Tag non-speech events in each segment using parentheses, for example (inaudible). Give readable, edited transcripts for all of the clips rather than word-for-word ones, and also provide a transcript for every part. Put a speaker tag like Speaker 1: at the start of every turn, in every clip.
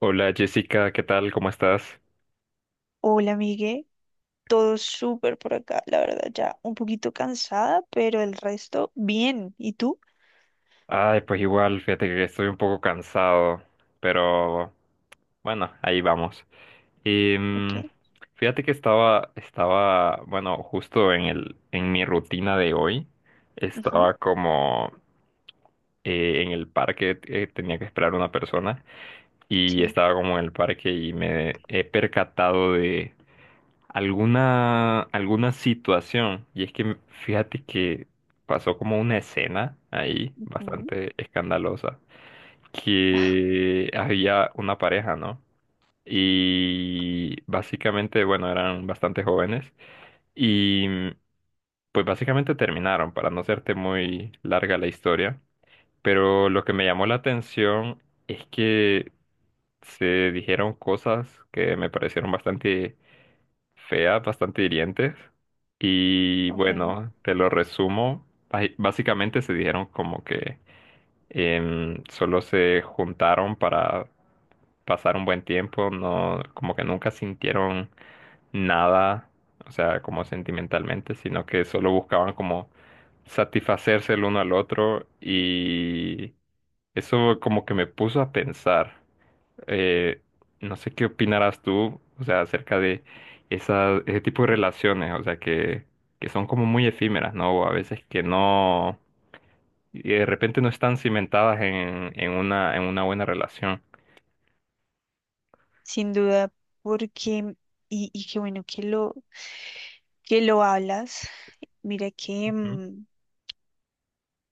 Speaker 1: Hola Jessica, ¿qué tal? ¿Cómo estás?
Speaker 2: Hola, Migue. Todo súper por acá, la verdad, ya un poquito cansada, pero el resto bien. ¿Y tú?
Speaker 1: Ay, pues igual, fíjate que estoy un poco cansado, pero bueno, ahí vamos. Y
Speaker 2: Ok.
Speaker 1: fíjate que estaba, bueno, justo en en mi rutina de hoy,
Speaker 2: Ujú.
Speaker 1: estaba como en el parque, tenía que esperar a una persona y
Speaker 2: Sí.
Speaker 1: estaba como en el parque y me he percatado alguna situación. Y es que fíjate que pasó como una escena ahí
Speaker 2: Ujú.
Speaker 1: bastante escandalosa, que había una pareja, ¿no? Y básicamente, bueno, eran bastante jóvenes y pues básicamente terminaron, para no hacerte muy larga la historia. Pero lo que me llamó la atención es que se dijeron cosas que me parecieron bastante feas, bastante hirientes. Y
Speaker 2: Ok.
Speaker 1: bueno, te lo resumo. Básicamente se dijeron como que solo se juntaron para pasar un buen tiempo, no, como que nunca sintieron nada, o sea, como sentimentalmente, sino que solo buscaban como satisfacerse el uno al otro y eso como que me puso a pensar. Eh, no sé qué opinarás tú, o sea, acerca de ese tipo de relaciones, o sea, que son como muy efímeras, ¿no? O a veces que no, y de repente no están cimentadas en una buena relación.
Speaker 2: Sin duda, porque, y qué bueno que que lo hablas. Mira que
Speaker 1: Ujú,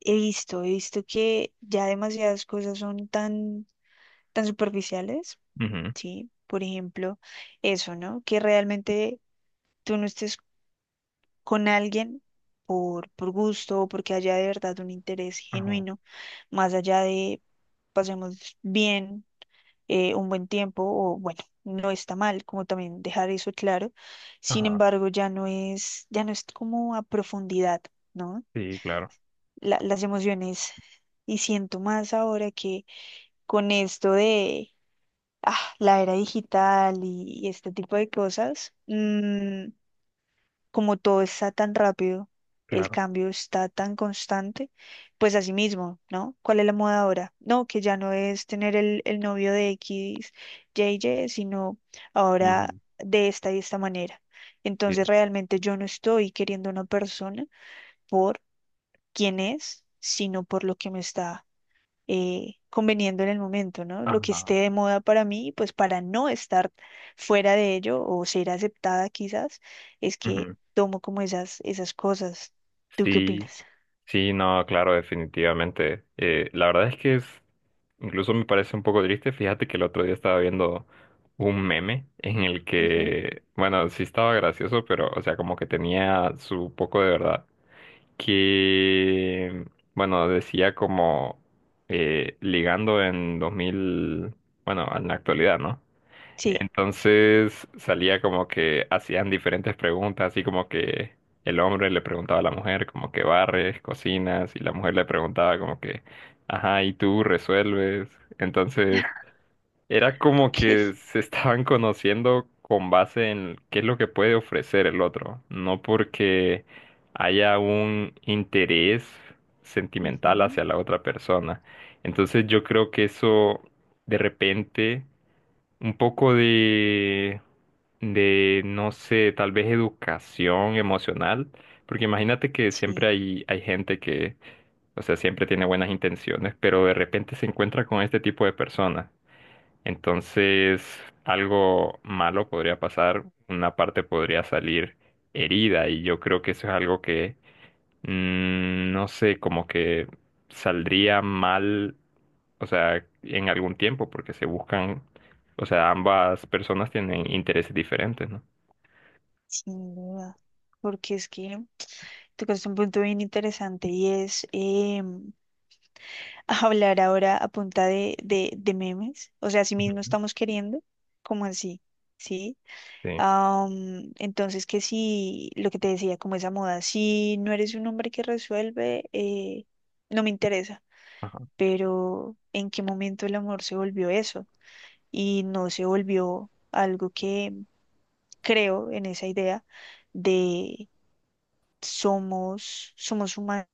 Speaker 2: he visto que ya demasiadas cosas son tan superficiales,
Speaker 1: ujú.
Speaker 2: ¿sí? Por ejemplo, eso, ¿no? Que realmente tú no estés con alguien por gusto o porque haya de verdad un interés
Speaker 1: Ajá,
Speaker 2: genuino, más allá de pasemos bien un buen tiempo o bueno, no está mal, como también dejar eso claro. Sin
Speaker 1: ajá,
Speaker 2: embargo, ya no es como a profundidad, ¿no?
Speaker 1: sí, claro,
Speaker 2: Las emociones y siento más ahora que con esto de la era digital y este tipo de cosas. Como todo está tan rápido, el
Speaker 1: claro.
Speaker 2: cambio está tan constante, pues así mismo, ¿no? ¿Cuál es la moda ahora? No, que ya no es tener el novio de X, JJ, sino ahora
Speaker 1: Ujú,
Speaker 2: de esta y esta manera. Entonces
Speaker 1: sí.
Speaker 2: realmente yo no estoy queriendo a una persona por quién es, sino por lo que me está conveniendo en el momento, ¿no? Lo que
Speaker 1: Ajá.
Speaker 2: esté de moda para mí, pues para no estar fuera de ello o ser aceptada quizás, es que
Speaker 1: Ujú.
Speaker 2: tomo como esas cosas. ¿Tú qué
Speaker 1: Sí.
Speaker 2: opinas?
Speaker 1: Sí, no, claro, definitivamente. La verdad es que es, incluso me parece un poco triste. Fíjate que el otro día estaba viendo un meme en el
Speaker 2: Ujú.
Speaker 1: que, bueno, sí estaba gracioso, pero, o sea, como que tenía su poco de verdad. Que, bueno, decía como ligando en 2000, bueno, en la actualidad, ¿no?
Speaker 2: Sí.
Speaker 1: Entonces salía como que hacían diferentes preguntas, así como que el hombre le preguntaba a la mujer como que barres, cocinas, y la mujer le preguntaba como que, ajá, ¿y tú resuelves? Entonces
Speaker 2: (laughs)
Speaker 1: era como
Speaker 2: Ok.
Speaker 1: que se (laughs) estaban conociendo con base en qué es lo que puede ofrecer el otro, no porque haya un interés sentimental
Speaker 2: Ujú.
Speaker 1: hacia la otra persona. Entonces yo creo que eso de repente un poco de, no sé, tal vez educación emocional, porque imagínate que siempre
Speaker 2: Sí,
Speaker 1: hay gente que, o sea, siempre tiene buenas intenciones, pero de repente se encuentra con este tipo de personas. Entonces, algo malo podría pasar, una parte podría salir herida, y yo creo que eso es algo que no sé, como que saldría mal, o sea, en algún tiempo, porque se buscan, o sea, ambas personas tienen intereses diferentes, ¿no?
Speaker 2: sin duda. Porque es que tocaste un punto bien interesante y es em, (laughs) hablar ahora a punta de memes. O sea, así mismo
Speaker 1: Ujú.
Speaker 2: estamos queriendo, como así, ¿sí?
Speaker 1: Sí,
Speaker 2: Am, entonces, que si lo que te decía, como esa moda, si no eres un hombre que resuelve, no me interesa.
Speaker 1: ajá,
Speaker 2: Pero ¿en qué momento el amor se volvió eso? Y no se volvió algo que creo en esa idea de somos humanos.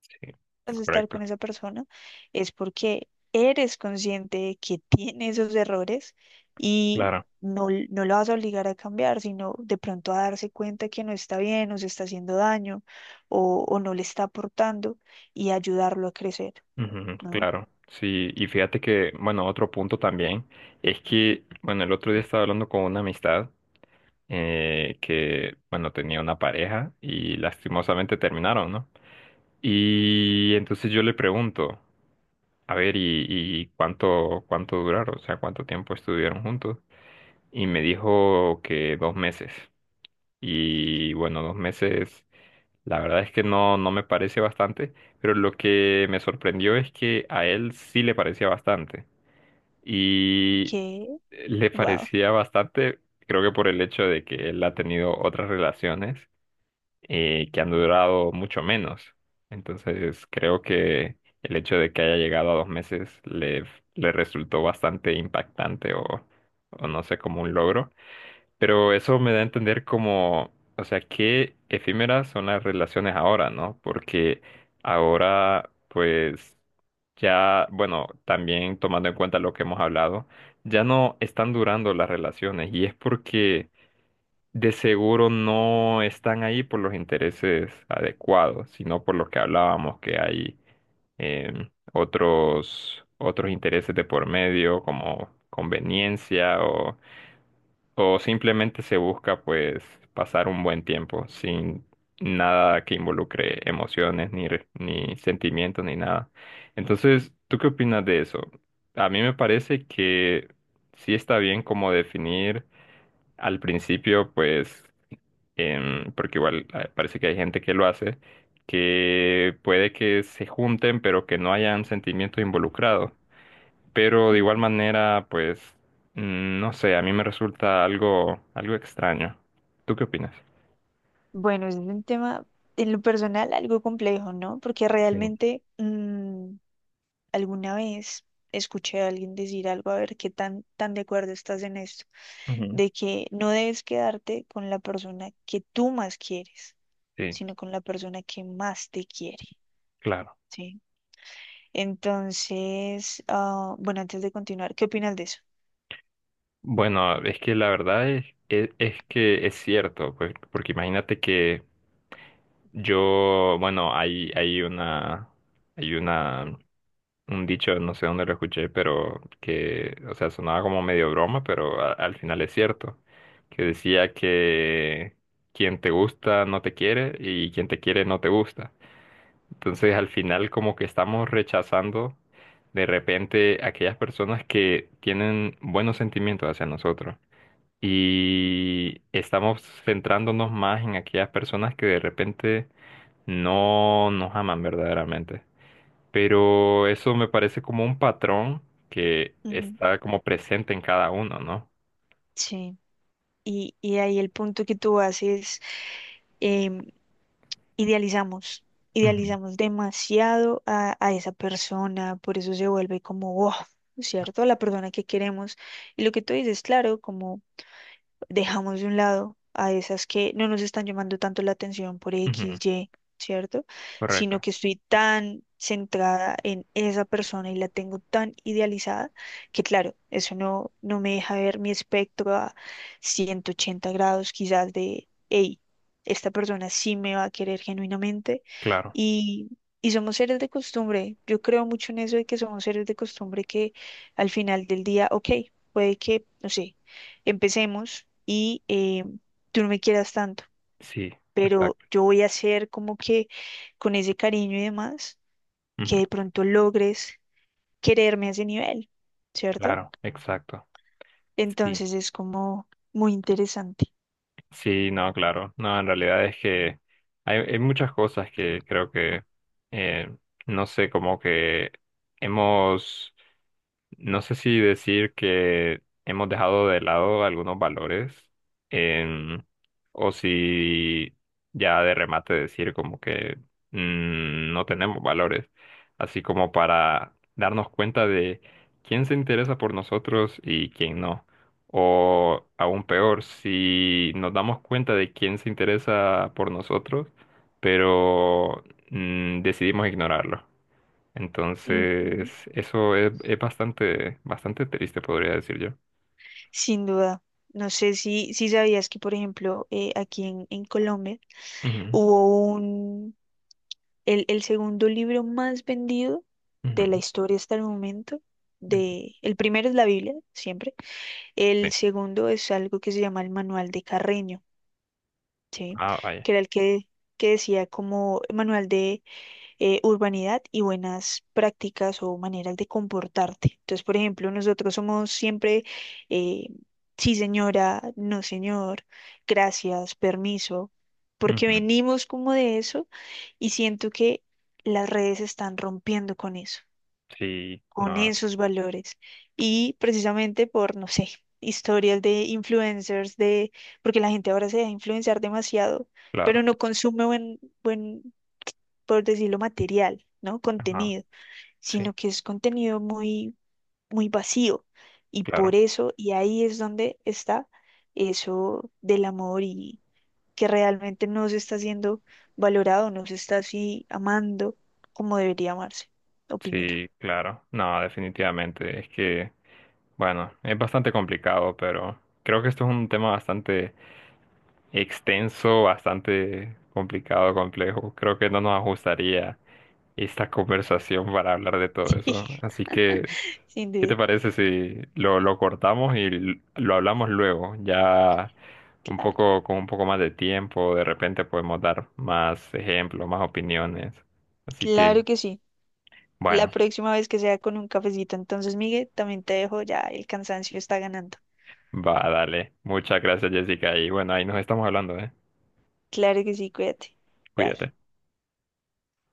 Speaker 1: sí,
Speaker 2: Estar
Speaker 1: correcto,
Speaker 2: con esa persona es porque eres consciente de que tiene esos errores y
Speaker 1: claro,
Speaker 2: no, no lo vas a obligar a cambiar, sino de pronto a darse cuenta que no está bien o se está haciendo daño o no le está aportando y ayudarlo a crecer,
Speaker 1: ujú,
Speaker 2: ¿no?
Speaker 1: claro, sí, y fíjate que, bueno, otro punto también es que, bueno, el otro día estaba hablando con una amistad, que, bueno, tenía una pareja y lastimosamente terminaron, ¿no? Y entonces yo le pregunto, a ver, ¿y cuánto duraron? O sea, ¿cuánto tiempo estuvieron juntos? Y me dijo que 2 meses. Y bueno, 2 meses, la verdad es que no, no me parece bastante, pero lo que me sorprendió es que a él sí le parecía bastante. Y
Speaker 2: Que,
Speaker 1: le
Speaker 2: wow.
Speaker 1: parecía bastante, creo que por el hecho de que él ha tenido otras relaciones y que han durado mucho menos. Entonces, creo que el hecho de que haya llegado a 2 meses le resultó bastante impactante o no sé, como un logro. Pero eso me da a entender como, o sea, qué efímeras son las relaciones ahora, ¿no? Porque ahora, pues, ya, bueno, también tomando en cuenta lo que hemos hablado, ya no están durando las relaciones y es porque de seguro no están ahí por los intereses adecuados, sino por lo que hablábamos, que hay otros intereses de por medio, como conveniencia o simplemente se busca pues pasar un buen tiempo sin nada que involucre emociones, ni sentimientos, ni nada. Entonces, ¿tú qué opinas de eso? A mí me parece que sí está bien como definir al principio, pues porque igual parece que hay gente que lo hace, que puede que se junten, pero que no hayan sentimientos involucrados. Pero de igual
Speaker 2: Ujú.
Speaker 1: manera, pues, no sé, a mí me resulta algo, algo extraño. ¿Tú qué opinas?
Speaker 2: Bueno, es un tema en lo personal algo complejo, ¿no? Porque
Speaker 1: Sí.
Speaker 2: realmente alguna vez escuché a alguien decir algo, a ver qué tan de acuerdo estás en esto,
Speaker 1: Ujú.
Speaker 2: de que no debes quedarte con la persona que tú más quieres,
Speaker 1: Sí.
Speaker 2: sino con la persona que más te quiere, ¿sí? Entonces, ah, bueno, antes de continuar, ¿qué opinas de eso?
Speaker 1: Bueno, es que la verdad es que es cierto, pues, porque imagínate que yo, bueno, hay una, un dicho, no sé dónde lo escuché, pero que, o sea, sonaba como medio broma, pero al final es cierto, que decía que quien te gusta no te quiere y quien te quiere no te gusta. Entonces al final como que estamos rechazando de repente aquellas personas que tienen buenos sentimientos hacia nosotros y estamos centrándonos más en aquellas personas que de repente no nos aman verdaderamente. Pero eso me parece como un patrón que
Speaker 2: Ujú.
Speaker 1: está como presente en cada uno, ¿no?
Speaker 2: Sí. Y ahí el punto que tú haces, em, idealizamos,
Speaker 1: Ujú,
Speaker 2: idealizamos demasiado a esa persona, por eso se vuelve como, wow, ¿cierto? La persona que queremos. Y lo que tú dices, claro, como dejamos de un lado a esas que no nos están llamando tanto la atención por X,
Speaker 1: ujú,
Speaker 2: Y, ¿cierto? Sino
Speaker 1: correcto,
Speaker 2: que estoy tan centrada en esa persona y la tengo tan idealizada que, claro, eso no, no me deja ver mi espectro a 180 grados quizás de, hey, esta persona sí me va a querer genuinamente
Speaker 1: claro,
Speaker 2: y Y somos seres de costumbre. Yo creo mucho en eso de que somos seres de costumbre que al final del día, ok, puede que, no sé, empecemos y tú no me quieras tanto,
Speaker 1: sí,
Speaker 2: pero
Speaker 1: exacto,
Speaker 2: yo voy a hacer como que con ese cariño y demás,
Speaker 1: ujú,
Speaker 2: que de pronto logres quererme a ese nivel, ¿cierto?
Speaker 1: claro, exacto, sí.
Speaker 2: Entonces es como muy interesante.
Speaker 1: Sí, no, claro. No, en realidad es que hay muchas cosas que creo que, eh, no sé, como que hemos, no sé si decir que hemos dejado de lado algunos valores, em, o si ya de remate decir como que no tenemos valores, así como para darnos cuenta de quién se interesa por nosotros y quién no. O aún peor, si nos damos cuenta de quién se interesa por nosotros, pero decidimos ignorarlo.
Speaker 2: Ujú.
Speaker 1: Entonces, eso es bastante, bastante triste, podría decir yo.
Speaker 2: Sin duda. No sé si sabías que, por ejemplo, aquí en Colombia
Speaker 1: Ujú,
Speaker 2: hubo un, el segundo libro más vendido
Speaker 1: ujú,
Speaker 2: de la historia hasta el momento.
Speaker 1: ujú.
Speaker 2: De, el primero es la Biblia, siempre.
Speaker 1: Sí.
Speaker 2: El segundo es algo que se llama el manual de Carreño, ¿sí?
Speaker 1: Ah, vaya.
Speaker 2: Que era el que decía como manual de urbanidad y buenas prácticas o maneras de comportarte. Entonces, por ejemplo, nosotros somos siempre, eh, sí señora, no señor, gracias, permiso, porque
Speaker 1: Ujú.
Speaker 2: venimos como de eso y siento que las redes están rompiendo con eso
Speaker 1: Sí,
Speaker 2: con
Speaker 1: no,
Speaker 2: esos valores. Y precisamente por, no sé, historias de influencers, de, porque la gente ahora se deja influenciar demasiado, pero
Speaker 1: claro.
Speaker 2: no consume buen, por decirlo, material, ¿no?
Speaker 1: Ajá,
Speaker 2: Contenido,
Speaker 1: sí,
Speaker 2: sino que es contenido muy vacío. Y por
Speaker 1: claro,
Speaker 2: eso, y ahí es donde está eso del amor y que realmente no se está siendo valorado, no se está así amando como debería amarse, opino yo.
Speaker 1: sí, claro. No, definitivamente. Es que, bueno, es bastante complicado, pero creo que esto es un tema bastante extenso, bastante complicado, complejo. Creo que no nos ajustaría esta (laughs) conversación para hablar de todo eso.
Speaker 2: (laughs)
Speaker 1: Así que
Speaker 2: Sin
Speaker 1: ¿qué te
Speaker 2: duda.
Speaker 1: parece si lo cortamos y lo hablamos luego? Ya un
Speaker 2: Claro.
Speaker 1: poco, con un poco más de tiempo, de repente podemos dar más ejemplos, más opiniones. Así que,
Speaker 2: Claro que sí. La
Speaker 1: bueno,
Speaker 2: próxima vez que sea con un cafecito. Entonces, Miguel, también te dejo, ya el cansancio está ganando.
Speaker 1: va, dale. Muchas gracias, Jessica. Y bueno, ahí nos estamos hablando, ¿eh?
Speaker 2: Claro que sí, cuídate. Bye.
Speaker 1: Cuídate.